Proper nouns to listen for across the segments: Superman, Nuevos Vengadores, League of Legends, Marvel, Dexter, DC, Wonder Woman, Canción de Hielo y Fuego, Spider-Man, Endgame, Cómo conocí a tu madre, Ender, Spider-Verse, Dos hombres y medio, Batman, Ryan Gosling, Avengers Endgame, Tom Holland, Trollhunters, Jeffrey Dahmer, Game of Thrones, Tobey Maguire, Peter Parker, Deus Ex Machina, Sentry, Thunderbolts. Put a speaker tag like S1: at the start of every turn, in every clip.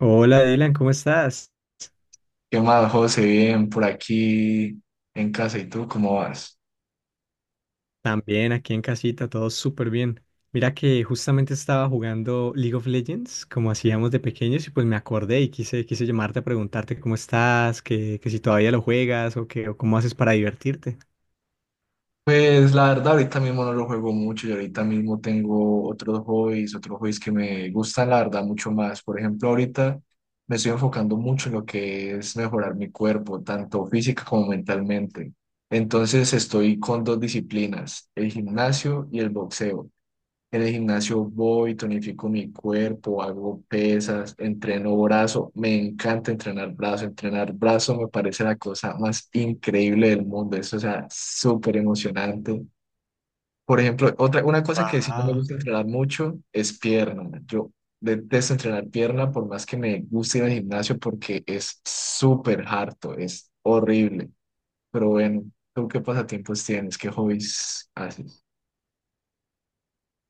S1: Hola Dylan, ¿cómo estás?
S2: ¿Qué más, José? Bien, por aquí en casa. ¿Y tú cómo vas?
S1: También aquí en casita, todo súper bien. Mira que justamente estaba jugando League of Legends, como hacíamos de pequeños, y pues me acordé y quise llamarte a preguntarte cómo estás, que si todavía lo juegas o que, o cómo haces para divertirte.
S2: Pues la verdad, ahorita mismo no lo juego mucho y ahorita mismo tengo otros hobbies que me gustan, la verdad, mucho más. Por ejemplo, ahorita me estoy enfocando mucho en lo que es mejorar mi cuerpo, tanto física como mentalmente. Entonces estoy con dos disciplinas, el gimnasio y el boxeo. En el gimnasio voy, tonifico mi cuerpo, hago pesas, entreno brazo. Me encanta entrenar brazo. Entrenar brazo me parece la cosa más increíble del mundo. Eso, o sea, súper emocionante. Por ejemplo, otra, una cosa que sí no me
S1: Wow.
S2: gusta entrenar mucho es pierna. Yo detesto entrenar pierna por más que me guste ir al gimnasio porque es súper harto, es horrible. Pero bueno, ¿tú qué pasatiempos tienes? ¿Qué hobbies haces?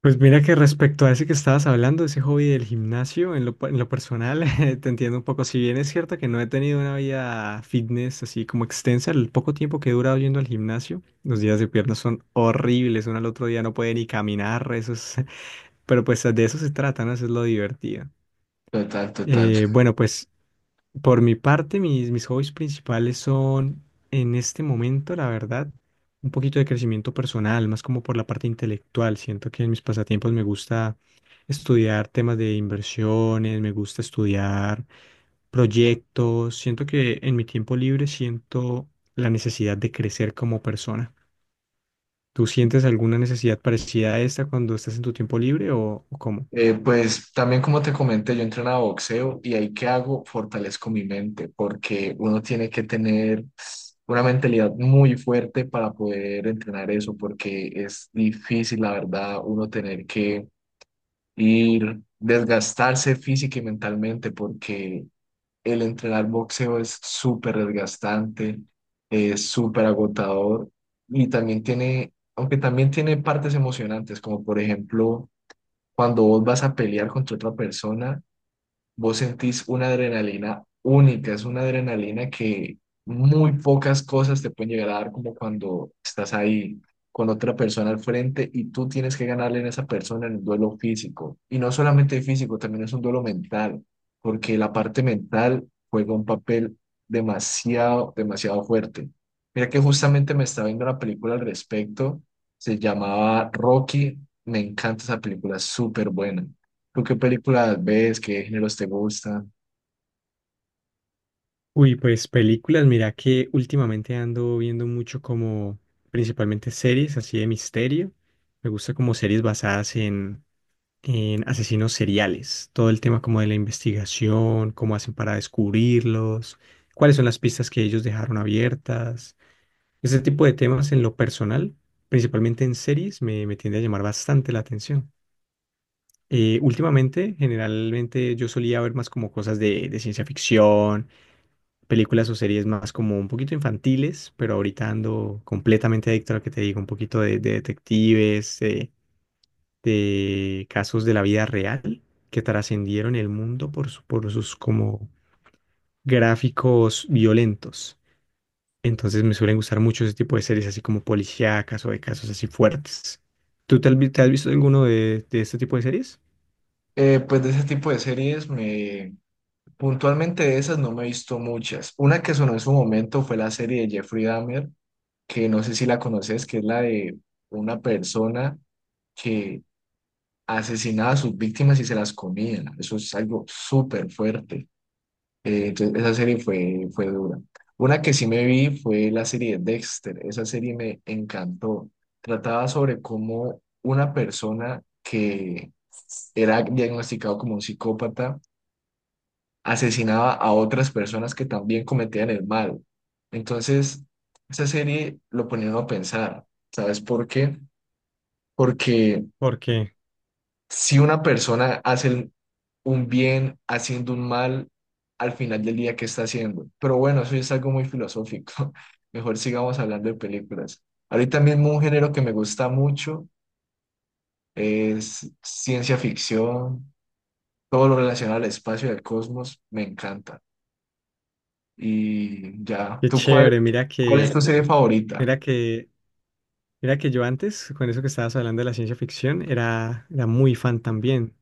S1: Pues mira que respecto a ese que estabas hablando, ese hobby del gimnasio, en lo personal, te entiendo un poco. Si bien es cierto que no he tenido una vida fitness así como extensa, el poco tiempo que he durado yendo al gimnasio, los días de piernas son horribles, uno al otro día no puede ni caminar, eso es- pero pues de eso se trata, ¿no? Eso es lo divertido.
S2: Total, total.
S1: Bueno, pues por mi parte, mis hobbies principales son, en este momento, la verdad, un poquito de crecimiento personal, más como por la parte intelectual. Siento que en mis pasatiempos me gusta estudiar temas de inversiones, me gusta estudiar proyectos. Siento que en mi tiempo libre siento la necesidad de crecer como persona. ¿Tú sientes alguna necesidad parecida a esta cuando estás en tu tiempo libre o cómo?
S2: Pues también como te comenté, yo entrenaba boxeo y ahí que hago, fortalezco mi mente, porque uno tiene que tener una mentalidad muy fuerte para poder entrenar eso, porque es difícil, la verdad, uno tener que ir, desgastarse física y mentalmente, porque el entrenar boxeo es súper desgastante, es súper agotador y también tiene, aunque también tiene partes emocionantes, como por ejemplo cuando vos vas a pelear contra otra persona, vos sentís una adrenalina única, es una adrenalina que muy pocas cosas te pueden llegar a dar como cuando estás ahí con otra persona al frente y tú tienes que ganarle a esa persona en un duelo físico. Y no solamente físico, también es un duelo mental, porque la parte mental juega un papel demasiado, demasiado fuerte. Mira que justamente me estaba viendo una película al respecto, se llamaba Rocky, me encanta esa película, es súper buena. ¿Tú qué películas ves? ¿Qué géneros te gustan?
S1: Uy, pues películas, mira que últimamente ando viendo mucho como principalmente series así de misterio. Me gusta como series basadas en asesinos seriales, todo el tema como de la investigación, cómo hacen para descubrirlos, cuáles son las pistas que ellos dejaron abiertas. Ese tipo de temas en lo personal, principalmente en series, me tiende a llamar bastante la atención. Últimamente, generalmente yo solía ver más como cosas de ciencia ficción, películas o series más como un poquito infantiles, pero ahorita ando completamente adicto a lo que te digo, un poquito de detectives, de casos de la vida real que trascendieron el mundo por, por sus como gráficos violentos. Entonces me suelen gustar mucho ese tipo de series así como policíacas o de casos así fuertes. ¿Tú te has, vi- Te has visto alguno de este tipo de series?
S2: Pues de ese tipo de series, me puntualmente de esas no me he visto muchas. Una que sonó en su momento fue la serie de Jeffrey Dahmer, que no sé si la conoces, que es la de una persona que asesinaba a sus víctimas y se las comía. Eso es algo súper fuerte. Entonces, esa serie fue dura. Una que sí me vi fue la serie de Dexter. Esa serie me encantó. Trataba sobre cómo una persona que era diagnosticado como un psicópata, asesinaba a otras personas que también cometían el mal. Entonces, esa serie lo ponía uno a pensar, ¿sabes por qué? Porque
S1: Porque,
S2: si una persona hace un bien haciendo un mal, al final del día, ¿qué está haciendo? Pero bueno, eso ya es algo muy filosófico. Mejor sigamos hablando de películas. Ahorita mismo un género que me gusta mucho es ciencia ficción, todo lo relacionado al espacio y al cosmos, me encanta. Y ya,
S1: qué
S2: ¿tú cuál,
S1: chévere,
S2: cuál es tu serie favorita?
S1: mira que mira que yo antes, con eso que estabas hablando de la ciencia ficción, era muy fan también.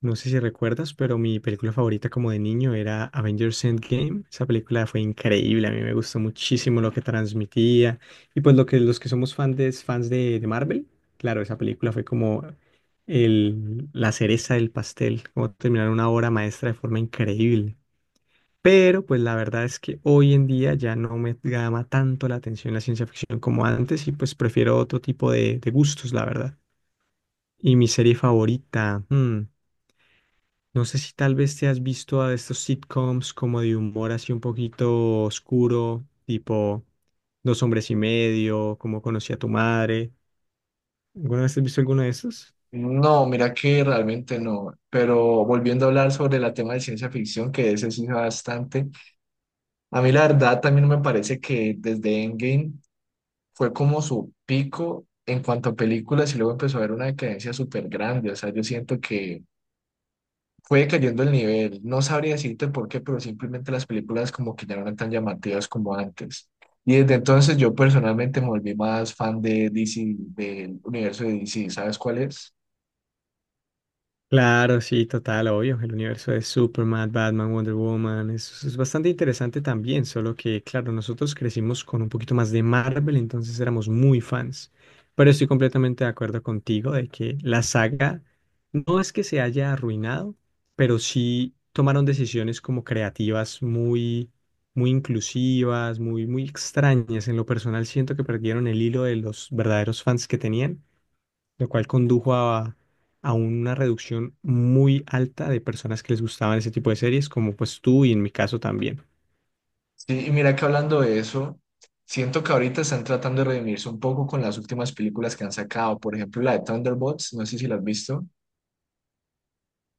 S1: No sé si recuerdas, pero mi película favorita como de niño era Avengers Endgame. Esa película fue increíble, a mí me gustó muchísimo lo que transmitía. Y pues lo que los que somos de Marvel, claro, esa película fue como la cereza del pastel, como terminar una obra maestra de forma increíble. Pero pues la verdad es que hoy en día ya no me llama tanto la atención la ciencia ficción como antes y pues prefiero otro tipo de gustos, la verdad. Y mi serie favorita, No sé si tal vez te has visto a estos sitcoms como de humor así un poquito oscuro, tipo Dos hombres y medio, Cómo conocí a tu madre. ¿Alguna vez has visto alguno de esos?
S2: No, mira que realmente no, pero volviendo a hablar sobre la tema de ciencia ficción, que ese sí bastante, a mí la verdad también me parece que desde Endgame fue como su pico en cuanto a películas y luego empezó a haber una decadencia súper grande, o sea, yo siento que fue cayendo el nivel. No sabría decirte por qué, pero simplemente las películas como que ya no eran tan llamativas como antes. Y desde entonces yo personalmente me volví más fan de DC, del universo de DC, ¿sabes cuál es?
S1: Claro, sí, total, obvio. El universo de Superman, Batman, Wonder Woman es bastante interesante también, solo que, claro, nosotros crecimos con un poquito más de Marvel, entonces éramos muy fans. Pero estoy completamente de acuerdo contigo de que la saga no es que se haya arruinado, pero sí tomaron decisiones como creativas muy inclusivas, muy extrañas. En lo personal, siento que perdieron el hilo de los verdaderos fans que tenían, lo cual condujo a una reducción muy alta de personas que les gustaban ese tipo de series, como pues tú y en mi caso también.
S2: Sí, y mira que hablando de eso, siento que ahorita están tratando de redimirse un poco con las últimas películas que han sacado. Por ejemplo, la de Thunderbolts, no sé si la has visto.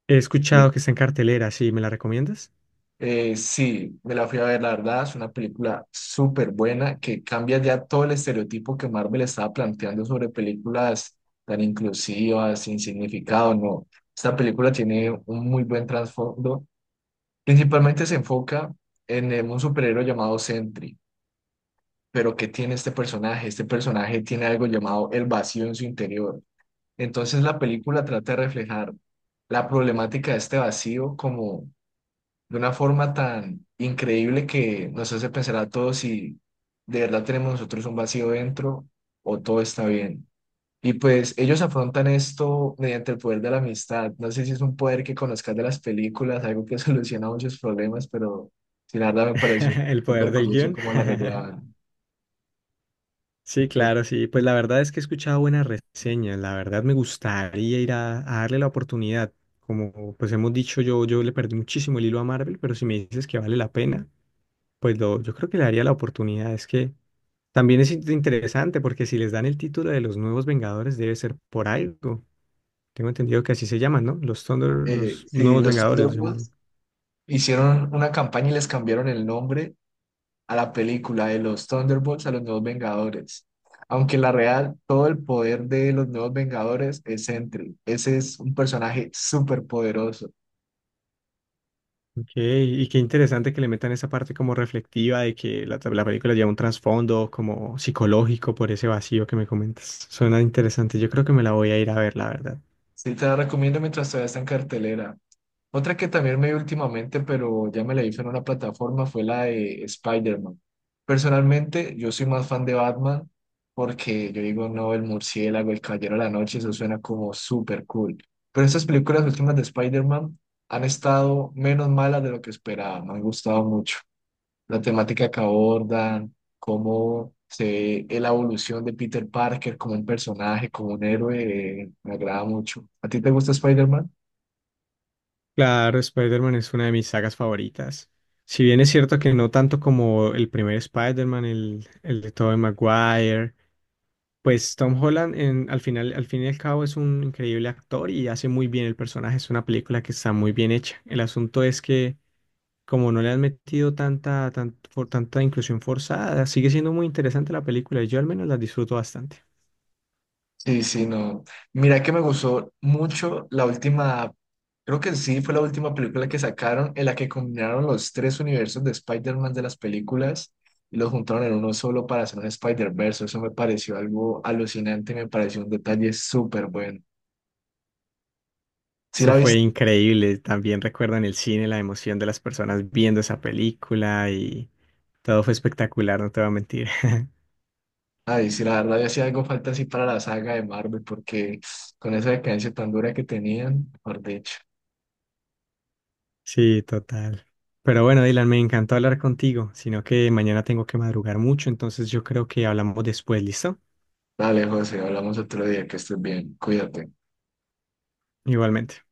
S1: He escuchado que está en cartelera, ¿sí? ¿Me la recomiendas?
S2: Sí, me la fui a ver, la verdad, es una película súper buena que cambia ya todo el estereotipo que Marvel estaba planteando sobre películas tan inclusivas, sin significado, no. Esta película tiene un muy buen trasfondo. Principalmente se enfoca en un superhéroe llamado Sentry, pero ¿qué tiene este personaje? Este personaje tiene algo llamado el vacío en su interior. Entonces la película trata de reflejar la problemática de este vacío como de una forma tan increíble que nos hace pensar a todos si de verdad tenemos nosotros un vacío dentro o todo está bien. Y pues ellos afrontan esto mediante el poder de la amistad. No sé si es un poder que conozcas de las películas, algo que soluciona muchos problemas, pero sin la verdad me pareció
S1: El poder
S2: súper
S1: del
S2: curioso
S1: guión.
S2: cómo la arreglaban.
S1: Sí, claro, sí. Pues la verdad es que he escuchado buenas reseñas. La verdad me gustaría ir a darle la oportunidad. Como pues hemos dicho, yo le perdí muchísimo el hilo a Marvel, pero si me dices que vale la pena, pues yo creo que le daría la oportunidad. Es que también es interesante porque si les dan el título de los nuevos Vengadores debe ser por algo. Tengo entendido que así se llaman, ¿no? Los Thunder,
S2: eh,
S1: los
S2: sí,
S1: nuevos
S2: los
S1: Vengadores los llamaron.
S2: Thunderbolts hicieron una campaña y les cambiaron el nombre a la película de los Thunderbolts, a los Nuevos Vengadores. Aunque en la real, todo el poder de los Nuevos Vengadores es Sentry. Ese es un personaje súper poderoso.
S1: Ok, y qué interesante que le metan esa parte como reflectiva de que la película lleva un trasfondo como psicológico por ese vacío que me comentas. Suena interesante, yo creo que me la voy a ir a ver, la verdad.
S2: Sí, te la recomiendo mientras todavía está en cartelera. Otra que también me vi últimamente, pero ya me la hizo en una plataforma, fue la de Spider-Man. Personalmente, yo soy más fan de Batman porque yo digo, no, el murciélago, el caballero de la noche, eso suena como súper cool. Pero estas películas últimas de Spider-Man han estado menos malas de lo que esperaba, me han gustado mucho. La temática que abordan, cómo se ve la evolución de Peter Parker como un personaje, como un héroe, me agrada mucho. ¿A ti te gusta Spider-Man?
S1: Claro, Spider-Man es una de mis sagas favoritas. Si bien es cierto que no tanto como el primer Spider-Man, el de Tobey Maguire, pues Tom Holland al final, al fin y al cabo es un increíble actor y hace muy bien el personaje. Es una película que está muy bien hecha. El asunto es que como no le han metido tanta inclusión forzada, sigue siendo muy interesante la película y yo al menos la disfruto bastante.
S2: Sí, sí, no. Mira que me gustó mucho la última, creo que sí fue la última película que sacaron en la que combinaron los tres universos de Spider-Man de las películas y los juntaron en uno solo para hacer un Spider-Verse. Eso me pareció algo alucinante, me pareció un detalle súper bueno. Sí
S1: Eso
S2: la
S1: fue
S2: viste,
S1: increíble. También recuerdo en el cine la emoción de las personas viendo esa película y todo fue espectacular, no te voy a mentir.
S2: ay, sí, la verdad, ya hacía algo falta así para la saga de Marvel porque con esa decadencia tan dura que tenían, mejor dicho.
S1: Sí, total. Pero bueno, Dylan, me encantó hablar contigo, sino que mañana tengo que madrugar mucho, entonces yo creo que hablamos después, ¿listo?
S2: Dale, José, hablamos otro día, que estés bien, cuídate.
S1: Igualmente.